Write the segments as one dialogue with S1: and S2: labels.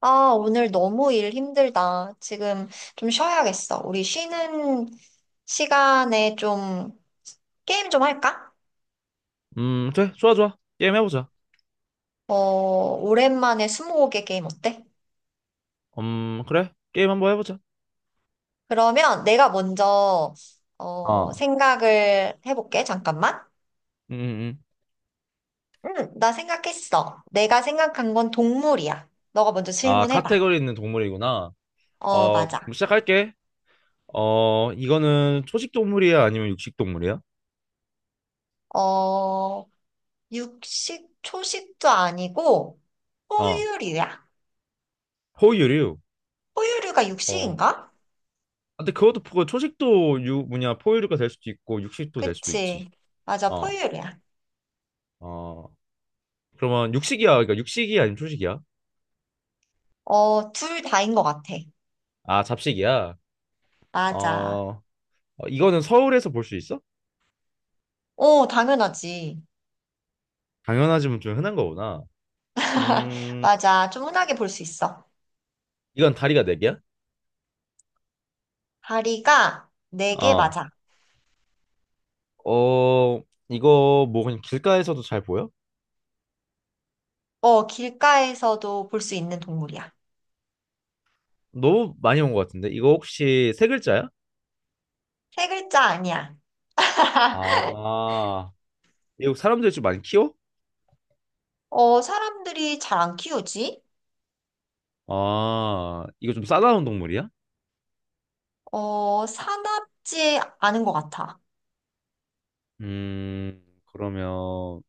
S1: 아, 오늘 너무 일 힘들다. 지금 좀 쉬어야겠어. 우리 쉬는 시간에 좀 게임 좀 할까?
S2: 그래, 좋아, 좋아. 게임 해보자.
S1: 어, 오랜만에 스무고개 게임 어때?
S2: 그래, 게임 한번 해보자.
S1: 그러면 내가 먼저 어,
S2: 어,
S1: 생각을 해볼게. 잠깐만.
S2: 음, 음, 음.
S1: 응, 나 생각했어. 내가 생각한 건 동물이야. 너가 먼저
S2: 아,
S1: 질문해봐.
S2: 카테고리 있는 동물이구나.
S1: 어,
S2: 어,
S1: 맞아.
S2: 그럼 시작할게. 어, 이거는 초식 동물이야, 아니면 육식 동물이야?
S1: 어, 육식, 초식도 아니고
S2: 어,
S1: 포유류야.
S2: 포유류.
S1: 포유류가
S2: 어,
S1: 육식인가?
S2: 아, 근데 그것도 초식도 뭐냐, 포유류가 될 수도 있고, 육식도 될 수도
S1: 그치.
S2: 있지.
S1: 맞아,
S2: 어,
S1: 포유류야.
S2: 어, 그러면 육식이야, 그러니까 육식이야, 아니면 초식이야?
S1: 어, 둘 다인 것 같아.
S2: 아, 잡식이야.
S1: 맞아.
S2: 어, 어, 이거는 서울에서 볼 수 있어?
S1: 어, 당연하지.
S2: 당연하지만 좀 흔한 거구나. 음,
S1: 맞아. 좀 흔하게 볼 수 있어.
S2: 이건 다리가 네 개야?
S1: 다리가 4개
S2: 아,
S1: 맞아.
S2: 어, 이거 뭐 그냥 길가에서도 잘 보여?
S1: 어, 길가에서도 볼 수 있는 동물이야.
S2: 너무 많이 온 것 같은데. 이거 혹시 세 글자야?
S1: 세 글자 아니야.
S2: 아, 미국 사람들 좀 많이 키워?
S1: 어, 사람들이 잘 안 키우지?
S2: 아, 이거 좀 싸다운 동물이야?
S1: 어, 사납지 않은 것 같아.
S2: 그러면,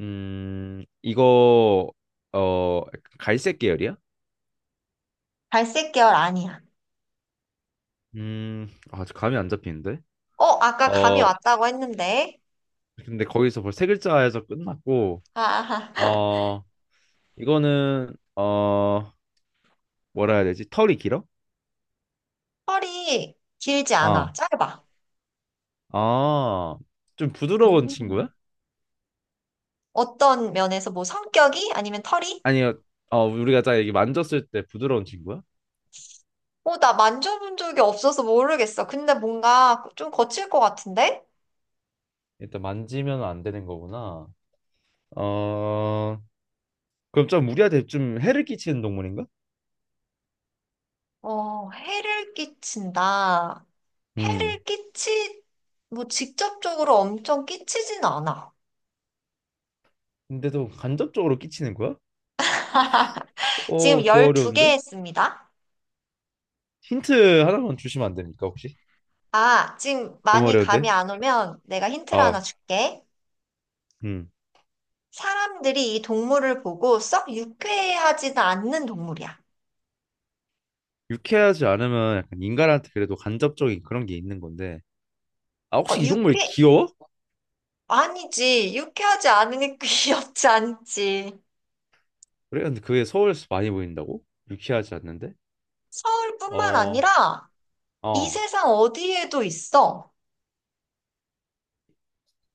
S2: 이거, 어, 갈색 계열이야?
S1: 갈색 계열 아니야.
S2: 아, 저 감이 안 잡히는데?
S1: 어, 아까 감이
S2: 어,
S1: 왔다고 했는데.
S2: 근데 거기서 벌써 세 글자에서 끝났고,
S1: 아, 아.
S2: 어, 이거는, 어, 뭐라 해야 되지? 털이 길어?
S1: 털이 길지 않아.
S2: 아,
S1: 짧아.
S2: 아, 좀 부드러운 친구야?
S1: 음. 어떤 면에서 뭐 성격이 아니면 털이?
S2: 아니요, 어, 우리가 자 이게 만졌을 때 부드러운 친구야?
S1: 어, 나 만져본 적이 없어서 모르겠어. 근데 뭔가 좀 거칠 것 같은데?
S2: 일단 만지면 안 되는 거구나. 어, 그럼 좀 우리한테 좀 해를 끼치는 동물인가?
S1: 어, 해를 끼친다.
S2: 음.
S1: 해를 끼치, 뭐 직접적으로 엄청 끼치진 않아.
S2: 근데도 간접적으로 끼치는 거야?
S1: 지금
S2: 어, 더
S1: 12개
S2: 어려운데?
S1: 했습니다.
S2: 힌트 하나만 주시면 안 됩니까, 혹시?
S1: 아, 지금
S2: 너무
S1: 많이 감이
S2: 어려운데?
S1: 안 오면 내가 힌트를 하나
S2: 아,
S1: 줄게.
S2: 음.
S1: 사람들이 이 동물을 보고 썩 유쾌해하지는 않는 동물이야.
S2: 유쾌하지 않으면 약간 인간한테 그래도 간접적인 그런 게 있는 건데. 아,
S1: 어,
S2: 혹시 이 동물 귀여워?
S1: 아니지. 유쾌하지 않으니 귀엽지 않지.
S2: 그래? 근데 그게 서울에서 많이 보인다고? 유쾌하지 않는데?
S1: 서울뿐만
S2: 어,
S1: 아니라 이
S2: 어.
S1: 세상 어디에도 있어.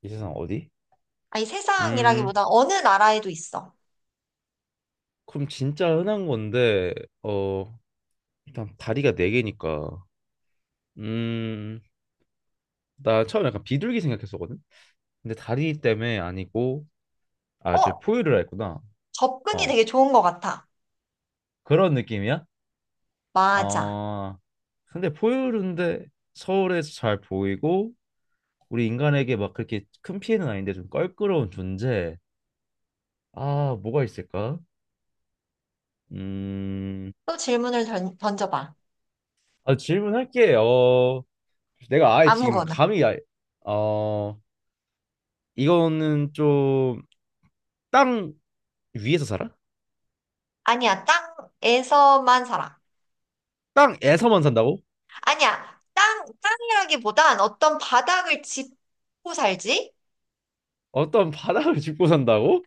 S2: 이 세상 어디?
S1: 아니,
S2: 음,
S1: 세상이라기보다 어느 나라에도 있어.
S2: 그럼 진짜 흔한 건데, 어, 일단 다리가 네 개니까, 음, 나 처음에 약간 비둘기 생각했었거든? 근데 다리 때문에 아니고, 아, 저
S1: 어,
S2: 포유류라 했구나.
S1: 접근이
S2: 어,
S1: 되게 좋은 것 같아.
S2: 그런 느낌이야?
S1: 맞아.
S2: 어, 근데 포유류인데 서울에서 잘 보이고, 우리 인간에게 막 그렇게 큰 피해는 아닌데 좀 껄끄러운 존재. 아, 뭐가 있을까? 음,
S1: 또 질문을 던져봐.
S2: 아, 질문할게. 어, 내가 아예 지금
S1: 아무거나.
S2: 감이 아예, 어, 이거는 좀 땅 위에서 살아?
S1: 아니야, 땅에서만 살아.
S2: 땅에서만 산다고?
S1: 아니야, 땅이라기보단 어떤 바닥을 짚고 살지?
S2: 어떤 바닥을 짚고 산다고?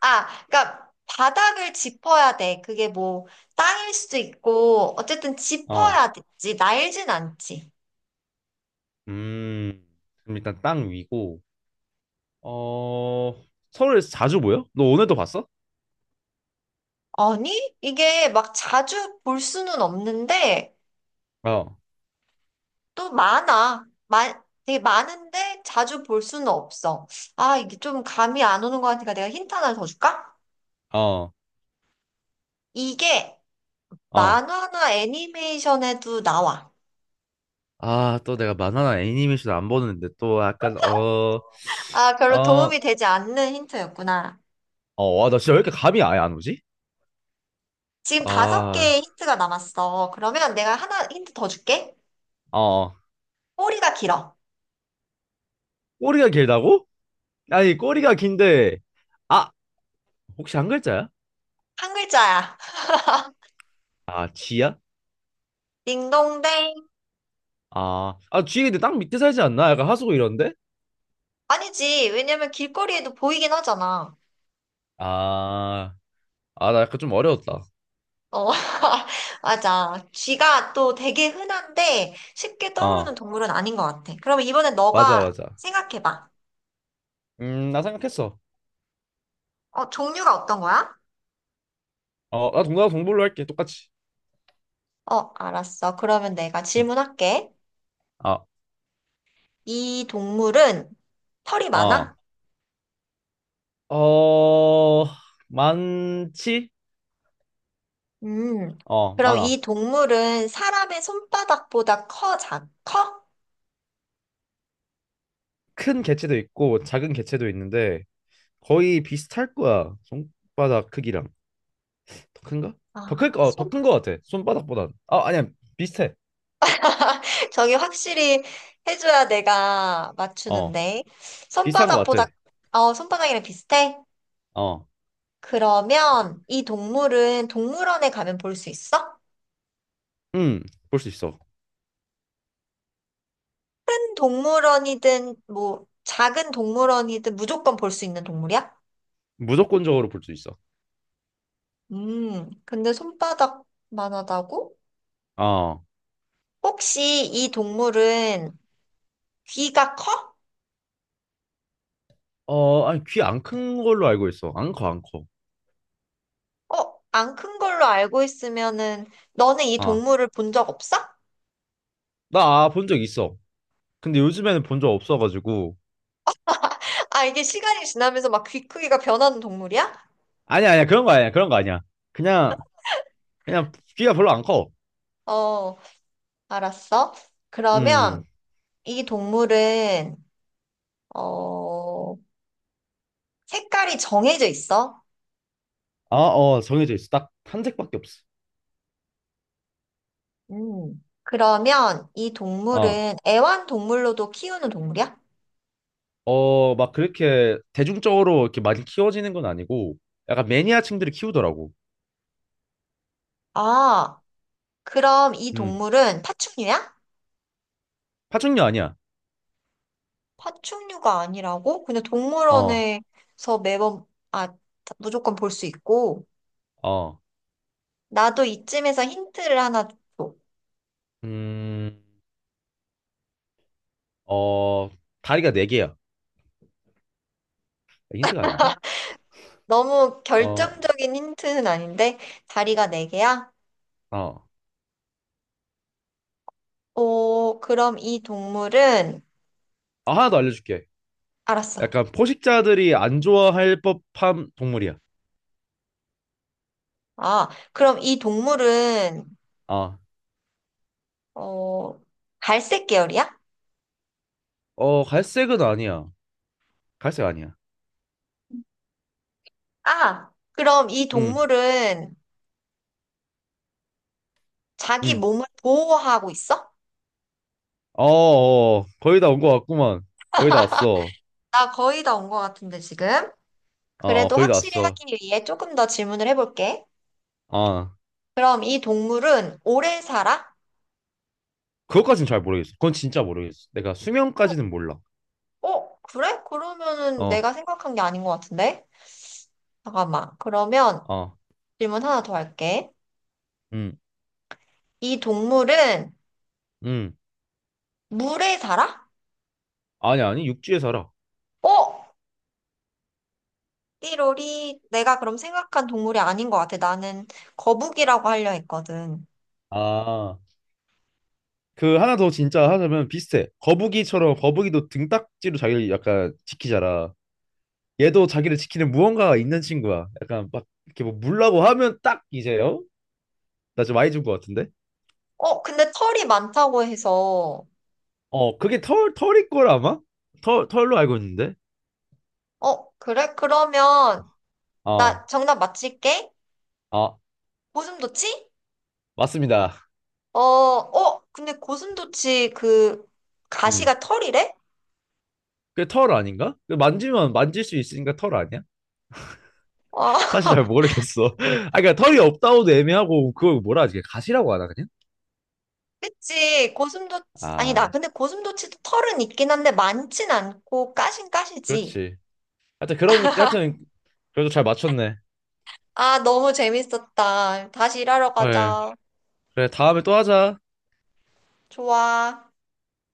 S1: 아, 그러니까 바닥을 짚어야 돼. 그게 뭐 땅일 수도 있고 어쨌든
S2: 어.
S1: 짚어야 되지. 날진 않지.
S2: 음. 그럼 일단 땅 위고. 어. 서울에서 자주 보여? 너 오늘도 봤어?
S1: 아니, 이게 막 자주 볼 수는 없는데
S2: 어.
S1: 또 많아. 마, 되게 많은데 자주 볼 수는 없어. 아, 이게 좀 감이 안 오는 것 같으니까 내가 힌트 하나 더 줄까?
S2: 어.
S1: 이게
S2: 어.
S1: 만화나 애니메이션에도 나와.
S2: 아, 또 내가 만화나 애니메이션 안 보는데 또 약간 어.
S1: 아, 별로
S2: 어.
S1: 도움이 되지 않는 힌트였구나.
S2: 어, 와, 나 진짜 왜 이렇게 감이 아예 안 오지?
S1: 지금 다섯
S2: 아.
S1: 개의 힌트가 남았어. 그러면 내가 하나 힌트 더 줄게.
S2: 어. 어.
S1: 꼬리가 길어.
S2: 꼬리가 길다고? 아니, 꼬리가 긴데 아, 혹시 한 글자야?
S1: 한 글자야.
S2: 아, 지야?
S1: 딩동댕.
S2: 아, 아, 쥐 근데 땅 밑에 살지 않나? 약간 하수구 이런데?
S1: 아니지. 왜냐면 길거리에도 보이긴 하잖아.
S2: 아, 아, 나 약간 좀 어려웠다.
S1: 어, 맞아. 쥐가 또 되게 흔한데 쉽게 떠오르는
S2: 어,
S1: 동물은 아닌 것 같아. 그러면 이번엔
S2: 맞아,
S1: 너가
S2: 맞아.
S1: 생각해봐.
S2: 나 생각했어.
S1: 어, 종류가 어떤 거야?
S2: 어, 나 동남아 동물로 할게, 똑같이.
S1: 어, 알았어. 그러면 내가
S2: 음,
S1: 질문할게.
S2: 어,
S1: 이 동물은 털이
S2: 어,
S1: 많아?
S2: 어, 많지?
S1: 음.
S2: 어,
S1: 그럼
S2: 많아.
S1: 이 동물은 사람의 손바닥보다 커, 커?
S2: 큰 개체도 있고, 뭐 작은 개체도 있는데, 거의 비슷할 거야. 손바닥 크기랑. 더 큰가? 더 클,
S1: 아,
S2: 어, 더
S1: 손?
S2: 큰 거 같아. 손바닥보단. 아, 아니야, 비슷해.
S1: 저기 확실히 해줘야 내가
S2: 어,
S1: 맞추는데.
S2: 비슷한 거
S1: 손바닥보다,
S2: 같아.
S1: 어, 손바닥이랑 비슷해?
S2: 어,
S1: 그러면 이 동물은 동물원에 가면 볼 수 있어?
S2: 음, 볼 수 있어.
S1: 큰 동물원이든, 뭐, 작은 동물원이든 무조건 볼 수 있는 동물이야?
S2: 무조건적으로 볼 수 있어.
S1: 근데 손바닥만 하다고?
S2: 어,
S1: 혹시 이 동물은 귀가 커?
S2: 어, 아니, 귀 안 큰 걸로 알고 있어. 안 커, 안 커.
S1: 어, 안 큰 걸로 알고 있으면은, 너는 이
S2: 아,
S1: 동물을 본 적 없어?
S2: 나 본 적 있어. 근데 요즘에는 본 적 없어가지고.
S1: 아, 이게 시간이 지나면서 막 귀 크기가 변하는 동물이야?
S2: 아니야, 아니야, 그런 거 아니야, 그런 거 아니야. 그냥, 그냥 귀가 별로 안 커.
S1: 어, 알았어.
S2: 음,
S1: 그러면 이 동물은, 어, 색깔이 정해져 있어?
S2: 아, 어, 정해져 있어. 딱 한 색밖에 없어.
S1: 음. 그러면 이
S2: 어,
S1: 동물은 애완동물로도 키우는 동물이야?
S2: 어, 막 그렇게 대중적으로 이렇게 많이 키워지는 건 아니고, 약간 매니아층들이 키우더라고.
S1: 아, 그럼 이
S2: 음,
S1: 동물은 파충류야?
S2: 파충류 아니야.
S1: 파충류가 아니라고? 그냥
S2: 어,
S1: 동물원에서 매번, 아, 무조건 볼 수 있고.
S2: 어,
S1: 나도 이쯤에서 힌트를 하나 줘.
S2: 음, 어, 다리가 네 개야. 아, 힌트가 아닌가?
S1: 너무
S2: 어,
S1: 결정적인 힌트는 아닌데, 다리가 네 개야?
S2: 어.
S1: 오, 그럼 이 동물은,
S2: 아, 하나 더 알려줄게.
S1: 알았어.
S2: 약간 포식자들이 안 좋아할 법한 동물이야.
S1: 아, 그럼 이 동물은,
S2: 아,
S1: 어, 갈색 계열이야?
S2: 어, 갈색은 아니야. 갈색 아니야.
S1: 아, 그럼 이
S2: 응,
S1: 동물은 자기
S2: 응.
S1: 몸을 보호하고 있어?
S2: 어. 거의 다 온 것 같구만. 거의 다 왔어.
S1: 나 거의 다 온 것 같은데, 지금.
S2: 어,
S1: 그래도
S2: 거의 다
S1: 확실히
S2: 왔어.
S1: 하기 위해 조금 더 질문을 해볼게.
S2: 아,
S1: 그럼 이 동물은 오래 살아?
S2: 그것까진 잘 모르겠어. 그건 진짜 모르겠어. 내가 수명까지는 몰라.
S1: 어, 그래? 그러면은
S2: 어,
S1: 내가 생각한 게 아닌 것 같은데? 잠깐만. 그러면,
S2: 어,
S1: 질문 하나 더 할게.
S2: 응,
S1: 이 동물은
S2: 응.
S1: 물에 살아?
S2: 아니, 아니, 육지에 살아.
S1: 어? 띠로리, 내가 그럼 생각한 동물이 아닌 것 같아. 나는 거북이라고 하려 했거든.
S2: 아, 그 하나 더 진짜 하자면 비슷해. 거북이처럼 거북이도 등딱지로 자기를 약간 지키잖아. 얘도 자기를 지키는 무언가가 있는 친구야. 약간 막 이렇게 뭐 물라고 하면 딱 이제요. 나 좀 많이 준 것 같은데.
S1: 어, 근데 털이 많다고 해서.
S2: 어, 그게 털 털일 걸 아마? 털 털로 알고 있는데.
S1: 어, 그래? 그러면
S2: 아,
S1: 나 정답 맞힐게.
S2: 아
S1: 고슴도치?
S2: 맞습니다.
S1: 어, 어, 근데 고슴도치 그
S2: 음,
S1: 가시가 털이래?
S2: 그게 털 아닌가? 그 만지면 만질 수 있으니까 털 아니야?
S1: 어,
S2: 사실 잘 모르겠어. 아, 그러니까 털이 없다고도 애매하고 그걸 뭐라 하지? 가시라고 하나 그냥?
S1: 그치. 고슴도치, 아니 나
S2: 아,
S1: 근데 고슴도치도 털은 있긴 한데 많진 않고 까신 까시지.
S2: 그렇지. 하여튼 그런 느낌. 하여튼 그래도 잘 맞췄네.
S1: 아, 너무 재밌었다. 다시 일하러
S2: 예.
S1: 가자.
S2: 그래 다음에 또 하자.
S1: 좋아.